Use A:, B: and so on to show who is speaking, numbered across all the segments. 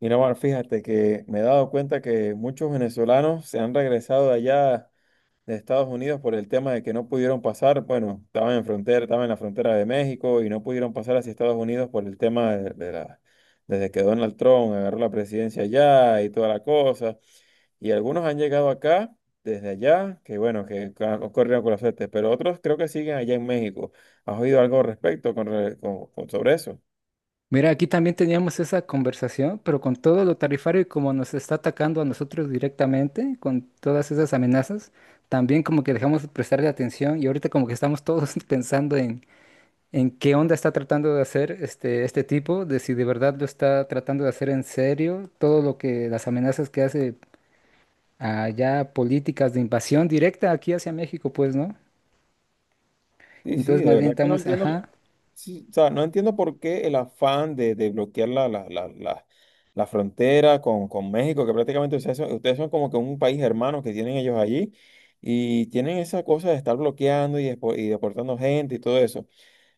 A: Mira, Omar, fíjate que me he dado cuenta que muchos venezolanos se han regresado de allá de Estados Unidos por el tema de que no pudieron pasar, bueno, estaban en frontera, estaban en la frontera de México y no pudieron pasar hacia Estados Unidos por el tema desde que Donald Trump agarró la presidencia allá y toda la cosa. Y algunos han llegado acá desde allá, que bueno, que corrieron con la suerte, pero otros creo que siguen allá en México. ¿Has oído algo al respecto con, re- con- sobre eso?
B: Mira, aquí también teníamos esa conversación, pero con todo lo tarifario y como nos está atacando a nosotros directamente, con todas esas amenazas, también como que dejamos de prestarle atención y ahorita como que estamos todos pensando en qué onda está tratando de hacer este tipo, de si de verdad lo está tratando de hacer en serio, todo lo que las amenazas que hace allá, políticas de invasión directa aquí hacia México, pues, ¿no?
A: Sí, sí,
B: Entonces
A: de
B: más bien
A: verdad que no
B: estamos,
A: entiendo,
B: ajá,
A: sí, o sea, no entiendo por qué el afán de bloquear la frontera con México, que prácticamente ustedes son como que un país hermano que tienen ellos allí y tienen esa cosa de estar bloqueando y, y deportando gente y todo eso.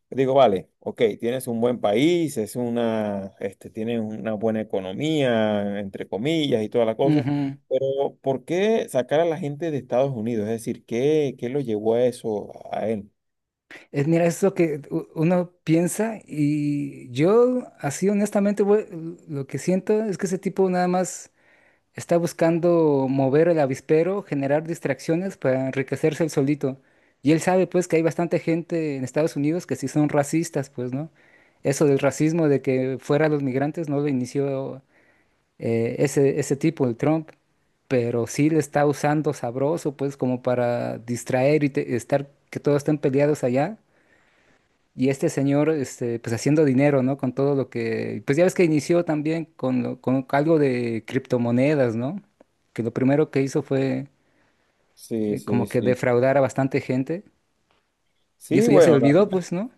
A: Yo digo, vale, ok, tienes un buen país, es una, este, tienes una buena economía, entre comillas, y toda la cosa,
B: ujú.
A: pero ¿por qué sacar a la gente de Estados Unidos? Es decir, ¿qué, qué lo llevó a eso, a él?
B: Mira, es lo que uno piensa y yo así honestamente, güey, lo que siento es que ese tipo nada más está buscando mover el avispero, generar distracciones para enriquecerse él solito. Y él sabe pues que hay bastante gente en Estados Unidos que sí son racistas, pues, ¿no? Eso del racismo de que fuera los migrantes no lo inició ese tipo, el Trump, pero sí le está usando sabroso pues como para distraer y estar que todos estén peleados allá y este señor, este, pues haciendo dinero, ¿no? Con todo lo que, pues ya ves que inició también con, con algo de criptomonedas, ¿no? Que lo primero que hizo fue
A: Sí, sí,
B: como que
A: sí.
B: defraudar a bastante gente. Y
A: Sí,
B: eso ya se
A: bueno,
B: olvidó, pues, ¿no?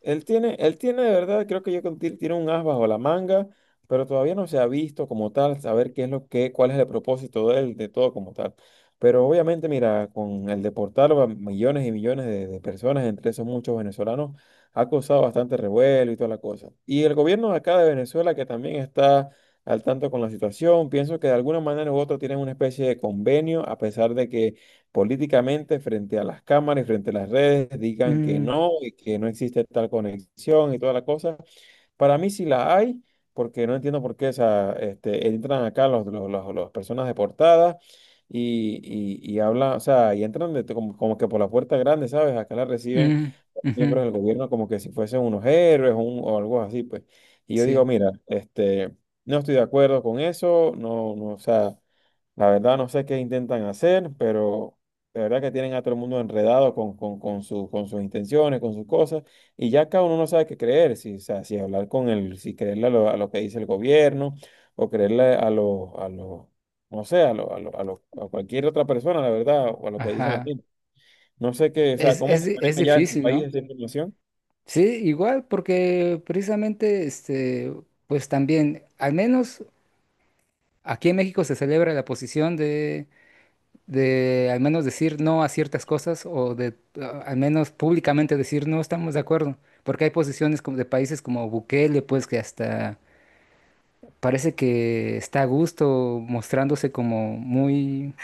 A: él tiene de verdad, creo que yo con Til tiene un as bajo la manga, pero todavía no se ha visto como tal, saber qué es lo que, cuál es el propósito de él, de todo como tal. Pero obviamente, mira, con el deportar a millones y millones de personas, entre esos muchos venezolanos, ha causado bastante revuelo y toda la cosa. Y el gobierno de acá de Venezuela, que también está al tanto con la situación, pienso que de alguna manera u otra tienen una especie de convenio, a pesar de que políticamente frente a las cámaras y frente a las redes, digan que
B: Mm,
A: no y que no existe tal conexión y toda la cosa. Para mí sí la hay, porque no entiendo por qué o sea, este, entran acá las personas deportadas y, y hablan, o sea, y entran como, como que por la puerta grande, ¿sabes? Acá la reciben
B: mm, ujú,
A: miembros del gobierno como que si fuesen unos héroes o algo así, pues. Y yo digo,
B: sí,
A: mira, este, no estoy de acuerdo con eso, no, no, o sea... La verdad no sé qué intentan hacer, pero de verdad que tienen a todo el mundo enredado con sus intenciones, con sus cosas, y ya cada uno no sabe qué creer, si, o sea, si hablar con el, si creerle a lo que dice el gobierno, o creerle a los, no sé, a cualquier otra persona, la verdad, o a lo que dice la
B: ajá.
A: gente. No sé qué, o sea,
B: Es,
A: cómo
B: es,
A: se
B: di- es
A: maneja allá en tu
B: difícil,
A: país
B: ¿no?
A: esa información.
B: Sí, igual, porque precisamente, este, pues también, al menos aquí en México se celebra la posición de al menos decir no a ciertas cosas o de al menos públicamente decir no estamos de acuerdo, porque hay posiciones como de países como Bukele, pues que hasta parece que está a gusto mostrándose como muy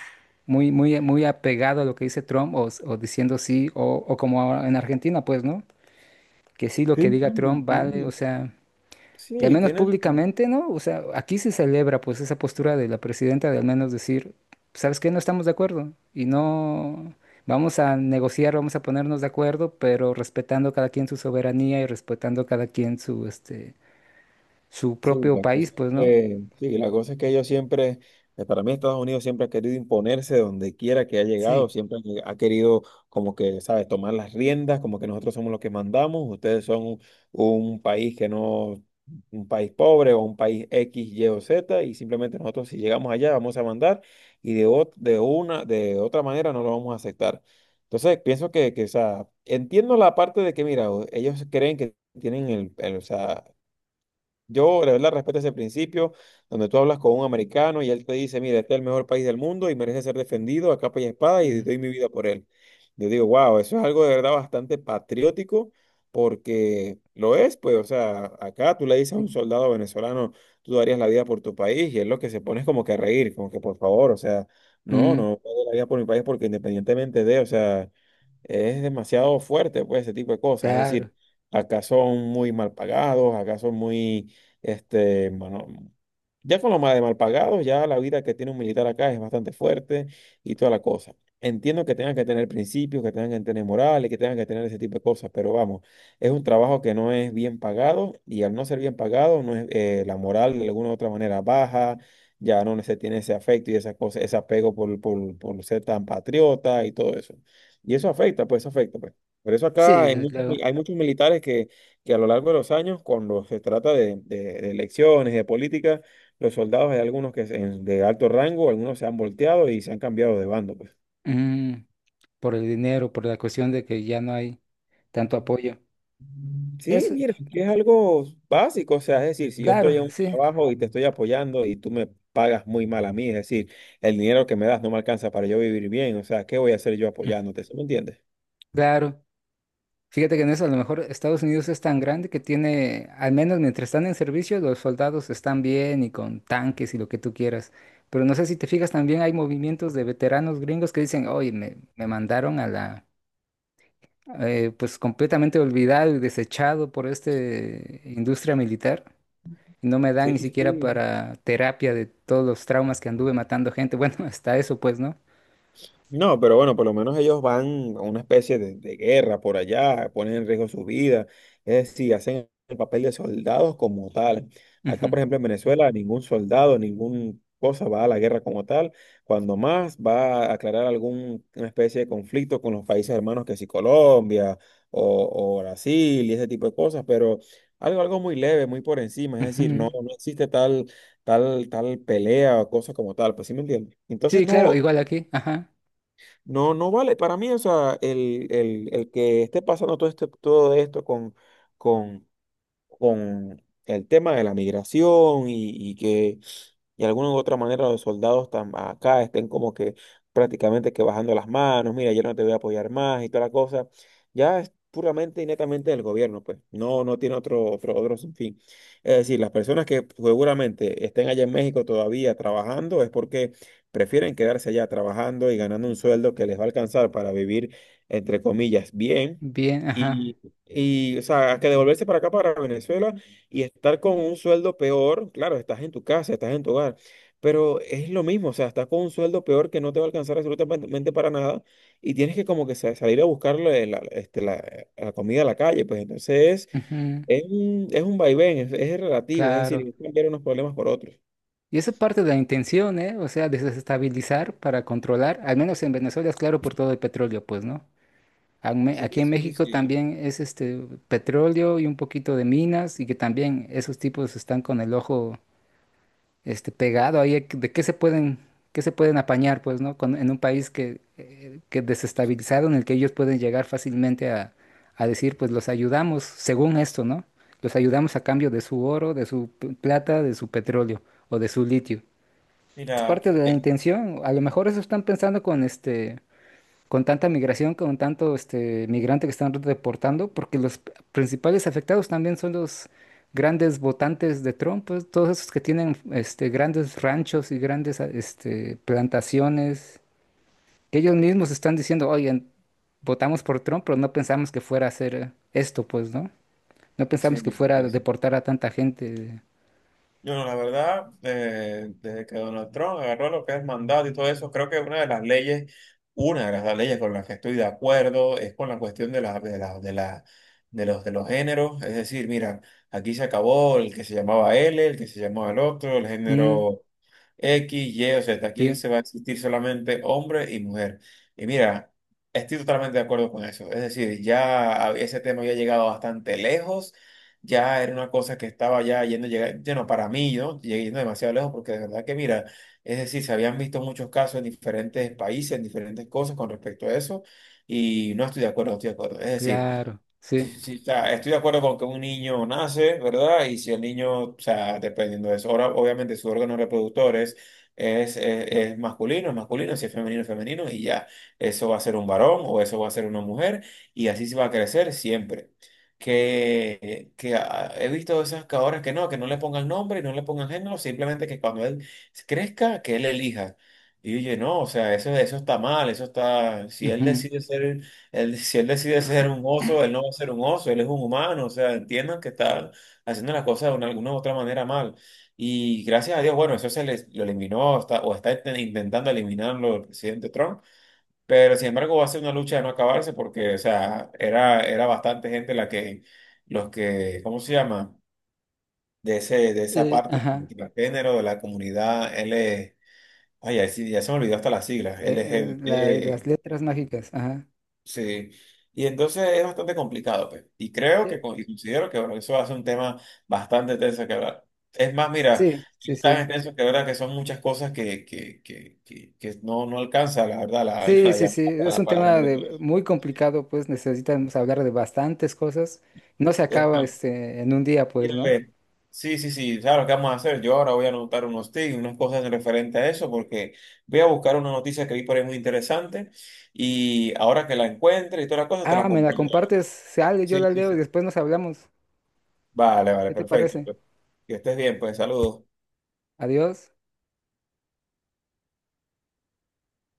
B: muy muy apegado a lo que dice Trump o, o diciendo sí o como ahora en Argentina, pues, ¿no? Que sí lo
A: Sí,
B: que diga
A: sí,
B: Trump vale, o
A: tienen,
B: sea, y al
A: sí,
B: menos
A: tienen.
B: públicamente, ¿no? O sea, aquí se celebra pues esa postura de la presidenta de al menos decir, ¿sabes qué? No estamos de acuerdo y no vamos a negociar, vamos a ponernos de acuerdo, pero respetando cada quien su soberanía y respetando cada quien su este su
A: Sí,
B: propio
A: la cosa
B: país,
A: es
B: pues, ¿no?
A: que, sí, la cosa es que ellos siempre, para mí Estados Unidos siempre ha querido imponerse donde quiera que ha llegado,
B: Sí.
A: siempre ha querido como que, ¿sabes?, tomar las riendas, como que nosotros somos los que mandamos, ustedes son un país que no, un país pobre o un país X, Y o Z, y simplemente nosotros si llegamos allá vamos a mandar y de una, de otra manera no lo vamos a aceptar. Entonces, pienso o sea, entiendo la parte de que, mira, ellos creen que tienen el, o sea, yo, la verdad, respeto ese principio donde tú hablas con un americano y él te dice, mira, este es el mejor país del mundo y merece ser defendido a capa y espada y
B: Mm,
A: doy mi vida por él. Yo digo, wow, eso es algo de verdad bastante patriótico porque lo es, pues, o sea, acá tú le dices a un
B: sí.
A: soldado venezolano, tú darías la vida por tu país y es lo que se pone es como que a reír, como que por favor, o sea, no,
B: Mm,
A: no, no doy la vida por mi país porque independientemente de, o sea es demasiado fuerte, pues, ese tipo de cosas. Es
B: claro.
A: decir, acá son muy mal pagados, acá son muy, este, bueno, ya con lo mal de mal pagados, ya la vida que tiene un militar acá es bastante fuerte y toda la cosa. Entiendo que tengan que tener principios, que tengan que tener morales, que tengan que tener ese tipo de cosas, pero vamos, es un trabajo que no es bien pagado y al no ser bien pagado, no es, la moral de alguna u otra manera baja, ya no se tiene ese afecto y esa cosa, ese apego por, por ser tan patriota y todo eso. Y eso afecta, pues, eso afecta, pues. Por eso acá
B: Sí,
A: hay
B: desde
A: muchos,
B: luego.
A: hay muchos militares que a lo largo de los años, cuando se trata de elecciones, de política, los soldados, hay algunos que de alto rango, algunos se han volteado y se han cambiado de bando, pues.
B: Mm, por el dinero, por la cuestión de que ya no hay tanto apoyo.
A: Sí,
B: Eso,
A: mira, es que es algo básico, o sea, es decir, si yo estoy
B: claro,
A: en un
B: sí.
A: trabajo y te estoy apoyando y tú me pagas muy mal a mí, es decir, el dinero que me das no me alcanza para yo vivir bien, o sea, ¿qué voy a hacer yo
B: Mm,
A: apoyándote? ¿Sí me entiendes?
B: claro. Fíjate que en eso a lo mejor Estados Unidos es tan grande que tiene, al menos mientras están en servicio, los soldados están bien y con tanques y lo que tú quieras. Pero no sé si te fijas, también hay movimientos de veteranos gringos que dicen, oye, me mandaron a la, pues completamente olvidado y desechado por esta industria militar. Y no me dan
A: Sí,
B: ni siquiera
A: sí.
B: para terapia de todos los traumas que anduve matando gente. Bueno, hasta eso pues, ¿no?
A: No, pero bueno, por lo menos ellos van a una especie de guerra por allá, ponen en riesgo su vida, es decir, hacen el papel de soldados como tal. Acá,
B: Ujú,
A: por ejemplo, en Venezuela, ningún soldado, ningún cosa va a la guerra como tal, cuando más va a aclarar alguna especie de conflicto con los países hermanos que si Colombia o Brasil y ese tipo de cosas, pero algo, algo muy leve, muy por encima, es decir, no,
B: ujú.
A: no existe tal, tal pelea o cosa como tal, pues sí me entiendes. Entonces
B: Sí, claro,
A: no.
B: igual aquí. Ajá.
A: No, no vale. Para mí, o sea, el que esté pasando todo, este, todo esto con, con el tema de la migración y que de alguna u otra manera los soldados acá estén como que prácticamente que bajando las manos, mira, yo no te voy a apoyar más y toda la cosa, ya es puramente y netamente del gobierno, pues no, no tiene otro fin. Es decir, las personas que seguramente estén allá en México todavía trabajando es porque prefieren quedarse allá trabajando y ganando un sueldo que les va a alcanzar para vivir, entre comillas, bien.
B: Bien, ajá.
A: Y, o sea, que devolverse para acá, para Venezuela, y estar con un sueldo peor, claro, estás en tu casa, estás en tu hogar, pero es lo mismo, o sea, estás con un sueldo peor que no te va a alcanzar absolutamente para nada, y tienes que como que salir a buscarle la, este, la comida a la calle, pues entonces
B: Ujú,
A: es un vaivén, es relativo, es decir,
B: claro.
A: es cambiar unos problemas por otros.
B: Y eso es parte de la intención, ¿eh? O sea, desestabilizar para controlar, al menos en Venezuela es claro por todo el petróleo, pues, ¿no?
A: Sí,
B: Aquí en
A: sí,
B: México
A: sí.
B: también es este petróleo y un poquito de minas y que también esos tipos están con el ojo este pegado ahí de qué se pueden apañar, pues, ¿no? En un país que desestabilizado, en el que ellos pueden llegar fácilmente a decir, pues los ayudamos según esto, ¿no? Los ayudamos a cambio de su oro, de su plata, de su petróleo o de su litio. Es
A: Mira,
B: parte de la intención. A lo mejor eso están pensando con este, con tanta migración, con tanto este migrante que están reportando, porque los principales afectados también son los grandes votantes de Trump, pues, todos esos que tienen este grandes ranchos y grandes este plantaciones, que ellos mismos están diciendo, oye, votamos por Trump, pero no pensamos que fuera a hacer esto, pues, ¿no? No
A: sí,
B: pensamos que fuera a
A: sí, sí.
B: deportar a tanta gente.
A: Yo, no la verdad, desde que Donald Trump agarró lo que es mandato y todo eso, creo que una de las leyes, una de las leyes con las que estoy de acuerdo es con la cuestión de los géneros. Es decir, mira, aquí se acabó el que se llamaba L, el que se llamaba el otro, el
B: Mm,
A: género X, Y, o Z. Aquí
B: sí,
A: se va a existir solamente hombre y mujer. Y mira, estoy totalmente de acuerdo con eso. Es decir, ya ese tema ya ha llegado bastante lejos, ya era una cosa que estaba ya yendo, bueno, para mí, ¿no? Llegué yendo demasiado lejos porque de verdad que, mira, es decir, se habían visto muchos casos en diferentes países, en diferentes cosas con respecto a eso, y no estoy de acuerdo, no estoy de acuerdo. Es decir,
B: claro,
A: sí,
B: sí.
A: sí, sí. O sea, estoy de acuerdo con que un niño nace, ¿verdad? Y si el niño, o sea, dependiendo de eso, ahora obviamente su órgano reproductor es masculino, si es femenino, es femenino, y ya, eso va a ser un varón o eso va a ser una mujer, y así se va a crecer siempre. He visto esas que ahora que no le pongan nombre y no le pongan género, simplemente que cuando él crezca, que él elija. Y oye, no, o sea, eso está mal, eso está, si él
B: Ujú,
A: decide ser... Él, si él decide ser un oso, él no va a ser un oso, él es un humano, o sea, entiendan que está haciendo las cosas de alguna u otra manera mal. Y gracias a Dios, bueno, eso se les, lo eliminó o está intentando eliminarlo el presidente Trump, pero sin embargo va a ser una lucha de no acabarse porque, o sea, era, era bastante gente la que, los que, ¿cómo se llama? De ese, de esa parte
B: ajá.
A: del género, de la comunidad L, ay, ya, sí, ya se me olvidó hasta las siglas,
B: Las
A: LGBT.
B: letras mágicas, ajá.
A: Sí, y entonces es bastante complicado, pues. Y creo
B: Eh,
A: que y considero que bueno, eso hace un tema bastante tenso que hablar. Es más, mira,
B: sí, sí,
A: es tan
B: sí.
A: extenso que verdad que son muchas cosas que no, no alcanza, la verdad, la, la,
B: Sí,
A: la
B: sí,
A: llamada
B: sí. Es un
A: para hablar
B: tema
A: de
B: de,
A: todo.
B: muy complicado, pues necesitamos hablar de bastantes cosas. No se
A: Es
B: acaba
A: más,
B: este, en un día, pues,
A: mira,
B: ¿no?
A: ve, sí, sí, sí, ¿sabes lo que vamos a hacer? Yo ahora voy a anotar unos tips, unas cosas referente a eso, porque voy a buscar una noticia que vi por ahí muy interesante y ahora que la encuentre y todas las cosas te la
B: Ah, me la
A: compongo.
B: compartes, sale, yo
A: Sí,
B: la
A: sí,
B: leo y
A: sí.
B: después nos hablamos.
A: Vale, vale,
B: ¿Qué te parece?
A: perfecto. Que estés bien, pues saludos.
B: Adiós.